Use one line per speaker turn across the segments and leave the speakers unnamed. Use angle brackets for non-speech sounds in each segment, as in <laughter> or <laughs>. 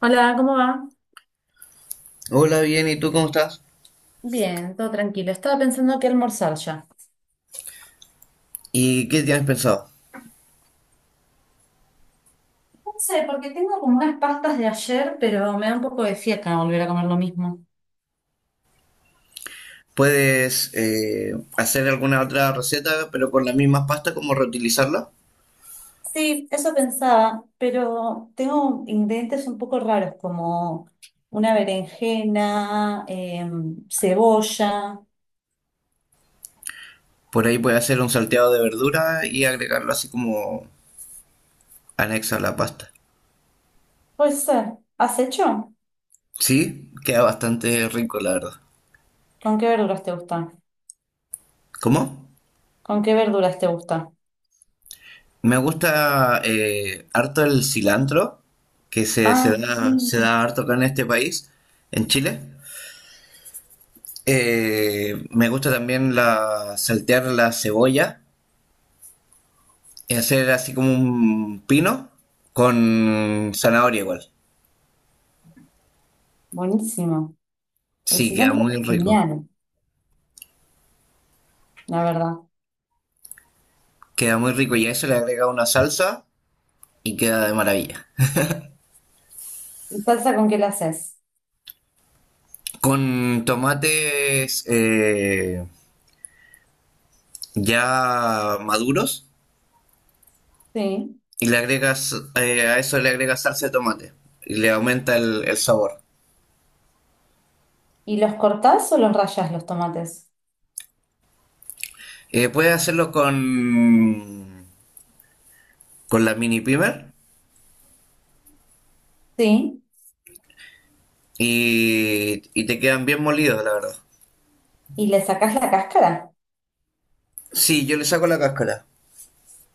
Hola, ¿cómo va?
Hola, bien, ¿y tú cómo estás?
Bien, todo tranquilo. Estaba pensando que almorzar ya.
¿Y qué tienes pensado?
No sé, porque tengo como unas pastas de ayer, pero me da un poco de fiaca volver a comer lo mismo.
¿Puedes hacer alguna otra receta, pero con las mismas pastas, como reutilizarla?
Sí, eso pensaba, pero tengo ingredientes un poco raros como una berenjena, cebolla.
Por ahí puedes hacer un salteado de verdura y agregarlo así como anexo a la pasta.
Puede ser. ¿Has hecho?
Sí, queda bastante rico, la verdad.
¿Con qué verduras te gusta?
¿Cómo?
¿Con qué verduras te gusta?
Me gusta harto el cilantro, que
Ay,
se
mm,
da harto acá en este país, en Chile. Me gusta también saltear la cebolla y hacer así como un pino con zanahoria igual.
buenísimo. El
Sí, queda
cilantro
muy
es
rico.
genial, la verdad.
Queda muy rico y a eso le agrega una salsa y queda de maravilla.
¿Y salsa con qué la haces?
Con tomates ya maduros
Sí.
y le agregas a eso le agregas salsa de tomate y le aumenta el sabor.
¿Y los cortás o los rayas los tomates?
Puedes hacerlo con la mini pimer
Sí.
y te quedan bien molidos, la verdad.
¿Y le sacás la cáscara?
Sí, yo le saco la cáscara.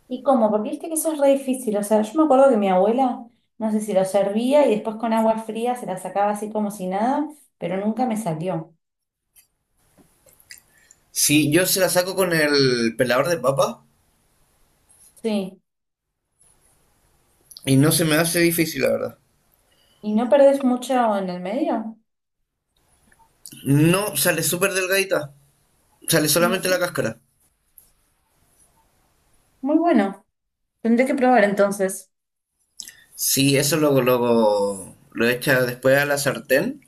¿Y cómo? Porque viste que eso es re difícil. O sea, yo me acuerdo que mi abuela, no sé si lo servía y después con agua fría se la sacaba así como si nada, pero nunca me salió.
Sí, yo se la saco con el pelador de papa
Sí.
y no se me hace difícil, la verdad.
¿Y no perdés mucho en el medio?
No, sale súper delgadita. Sale solamente la
No.
cáscara.
Muy bueno. Tendré que probar entonces.
Sí, eso luego, luego lo echas después a la sartén.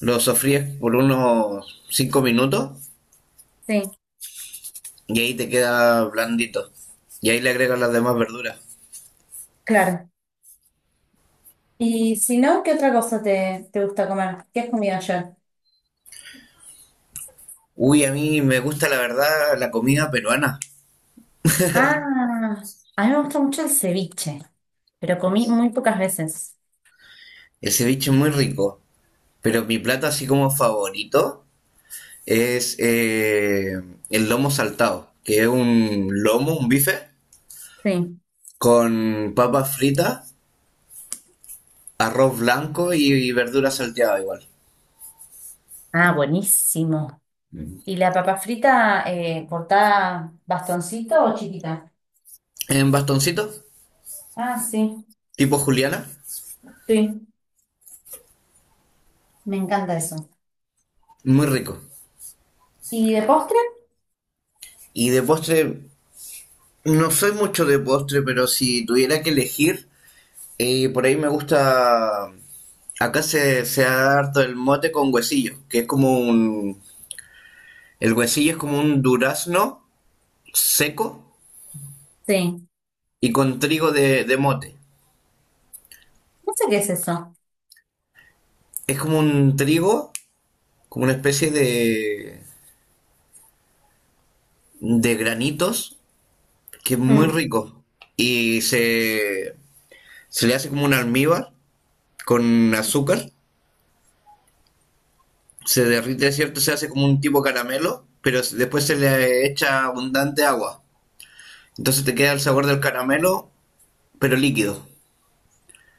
Lo sofríes por unos 5 minutos
Sí,
y ahí te queda blandito. Y ahí le agregas las demás verduras.
claro. Y si no, ¿qué otra cosa te gusta comer? ¿Qué has comido ayer?
Uy, a mí me gusta la verdad la comida peruana.
Ah, a mí me gusta mucho el ceviche, pero comí muy pocas veces.
El ceviche es muy rico. Pero mi plato así como favorito es el lomo saltado, que es un lomo, un bife,
Sí.
con papas fritas, arroz blanco y verdura salteada igual.
Ah, buenísimo. ¿Y la papa frita cortada bastoncito o chiquita?
En bastoncitos,
Ah, sí,
tipo juliana,
sí, me encanta eso.
muy rico.
¿Y de postre?
Y de postre, no soy mucho de postre, pero si tuviera que elegir, por ahí me gusta... Acá se da harto el mote con huesillo, que es como un... El huesillo es como un durazno seco
Sí.
y con trigo de mote.
No sé qué es eso.
Es como un trigo, como una especie de granitos, que es muy
Mm.
rico. Y se, Se le hace como un almíbar con azúcar, se derrite, ¿cierto? Se hace como un tipo caramelo, pero después se le echa abundante agua. Entonces te queda el sabor del caramelo, pero líquido.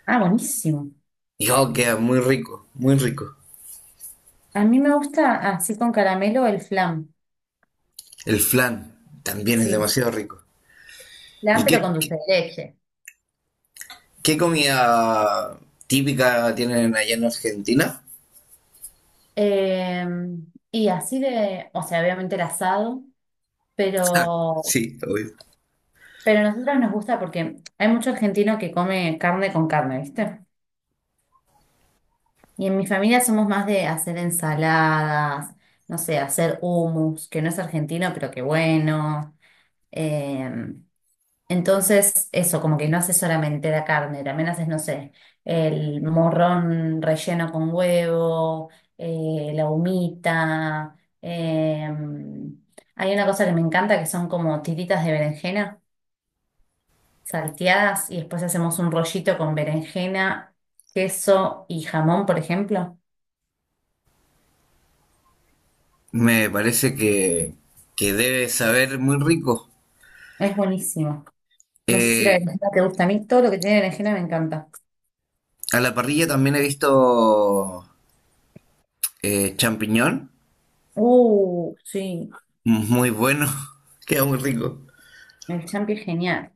Ah, buenísimo.
Y oh, queda muy rico, muy rico.
A mí me gusta así con caramelo el flan.
El flan también es
Sí,
demasiado rico.
flan
¿Y
pero
qué,
con
qué,
dulce de leche.
qué comida típica tienen allá en Argentina?
Eh, y así de, o sea, obviamente el asado,
Ja,
pero,
sí, obvio.
pero a nosotros nos gusta porque hay mucho argentino que come carne con carne, ¿viste? Y en mi familia somos más de hacer ensaladas, no sé, hacer hummus, que no es argentino, pero que bueno. Eh, entonces, eso, como que no haces solamente la carne, también haces, no sé, el morrón relleno con huevo, la humita. eh, Hay una cosa que me encanta que son como tiritas de berenjena salteadas y después hacemos un rollito con berenjena, queso y jamón, por ejemplo.
Me parece que debe saber muy rico.
Es buenísimo. No sé si la
Eh,
berenjena te gusta. A mí todo lo que tiene berenjena me encanta.
a la parrilla también he visto champiñón,
Sí.
muy bueno, <laughs> queda muy rico.
El champi es genial.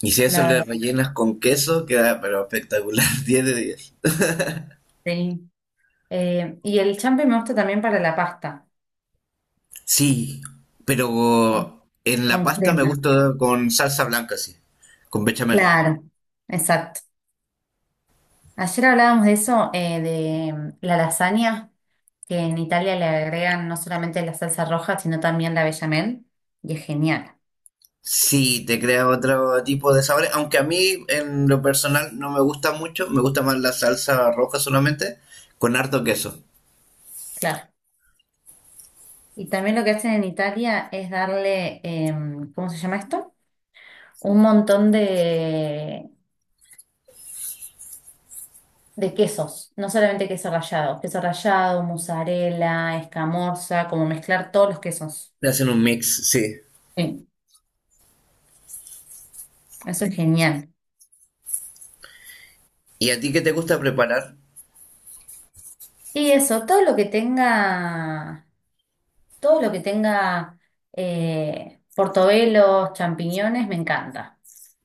Y si a eso
La
le
verdad,
rellenas con queso, queda pero espectacular, <laughs> 10 de 10.
sí. Y el champi me gusta también para la pasta.
Sí,
Con
pero en la
con
pasta me
crema.
gusta con salsa blanca, sí, con bechamel.
Claro. Exacto. Ayer hablábamos de eso, de mm, la lasaña, que en Italia le agregan no solamente la salsa roja, sino también la bechamel. Y es genial.
Sí, te crea otro tipo de sabores, aunque a mí en lo personal no me gusta mucho, me gusta más la salsa roja solamente, con harto queso.
Claro. Y también lo que hacen en Italia es darle, ¿cómo se llama esto? Un montón de quesos, no solamente queso rallado, mozzarella, escamorza, como mezclar todos los quesos.
Le hacen un mix, sí.
Sí, eso es genial.
¿Y a ti qué te gusta preparar?
Y eso, todo lo que tenga portobelos, champiñones, me encanta.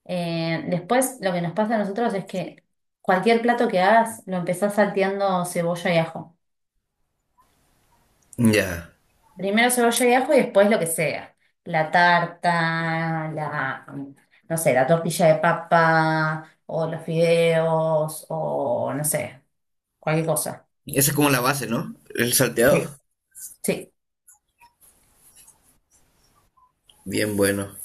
Después, lo que nos pasa a nosotros es que cualquier plato que hagas, lo empezás salteando cebolla y ajo.
Ya.
Primero cebolla y ajo y después lo que sea. La tarta, la, no sé, la tortilla de papa o los fideos o no sé, cualquier cosa.
Esa es como la base, ¿no? El
Sí.
salteado.
Sí.
Bien bueno.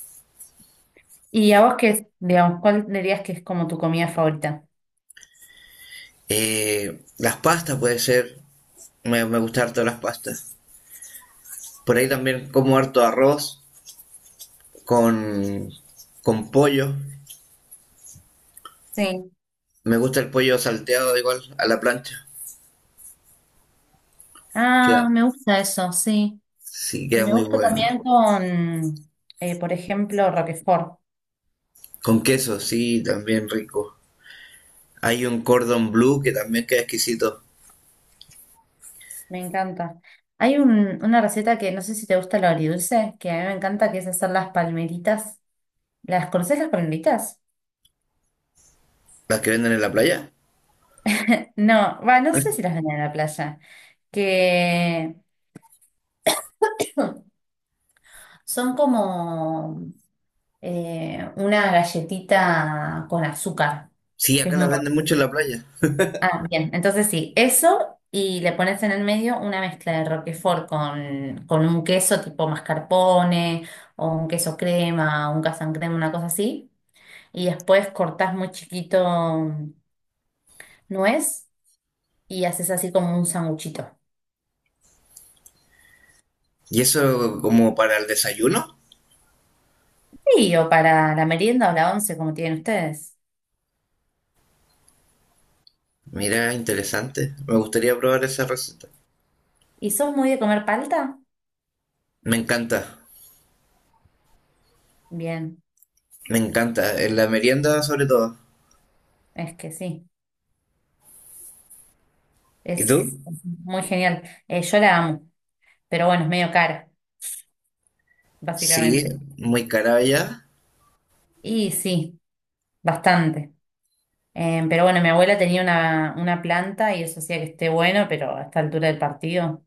¿Y a vos qué, digamos, cuál dirías que es como tu comida favorita?
Las pastas puede ser, me gusta harto las pastas. Por ahí también como harto arroz con, con pollo.
Sí.
Me gusta el pollo salteado igual a la plancha. Queda,
Ah, me gusta eso, sí.
sí,
Y
queda
me
muy
gusta
bueno.
también con, por ejemplo, Roquefort.
Con queso, sí, también rico. Hay un cordon bleu que también queda exquisito.
Me encanta. Hay una receta que no sé si te gusta lo agridulce, que a mí me encanta, que es hacer las palmeritas. ¿Las conoces las palmitas?
Las que venden en la playa.
No, va, no sé si las venden en la playa. Que <coughs> son como una galletita con azúcar,
Sí,
que es
acá las
muy buena.
venden mucho en la playa.
Ah, bien, entonces sí, eso y le pones en el medio una mezcla de Roquefort con un queso tipo mascarpone o un queso crema, un casan crema, una cosa así. Y después cortás muy chiquito nuez y haces así como un sanguchito.
¿Y eso como para el desayuno?
Sí, o para la merienda o la once, como tienen ustedes.
Mira, interesante. Me gustaría probar esa receta.
¿Y sos muy de comer palta?
Me encanta,
Bien,
me encanta. En la merienda sobre todo.
es que sí,
¿Y tú?
es muy genial. Yo la amo, pero bueno, es medio cara,
Sí,
básicamente.
muy cara ya.
Y sí, bastante. Pero bueno, mi abuela tenía una planta y eso hacía que esté bueno, pero a esta altura del partido.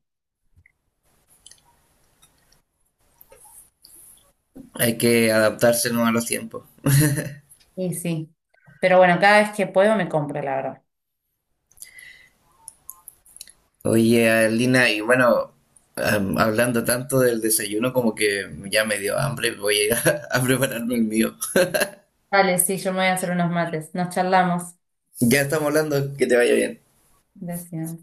Hay que adaptarse ¿no? a los tiempos.
Y sí. Pero bueno, cada vez que puedo me compro, la verdad.
Oye, Lina, y bueno, hablando tanto del desayuno como que ya me dio hambre, voy a ir a, <laughs> a prepararme el mío.
Vale, sí, yo me voy a hacer unos mates. Nos charlamos.
Ya estamos hablando, que te vaya bien.
Gracias.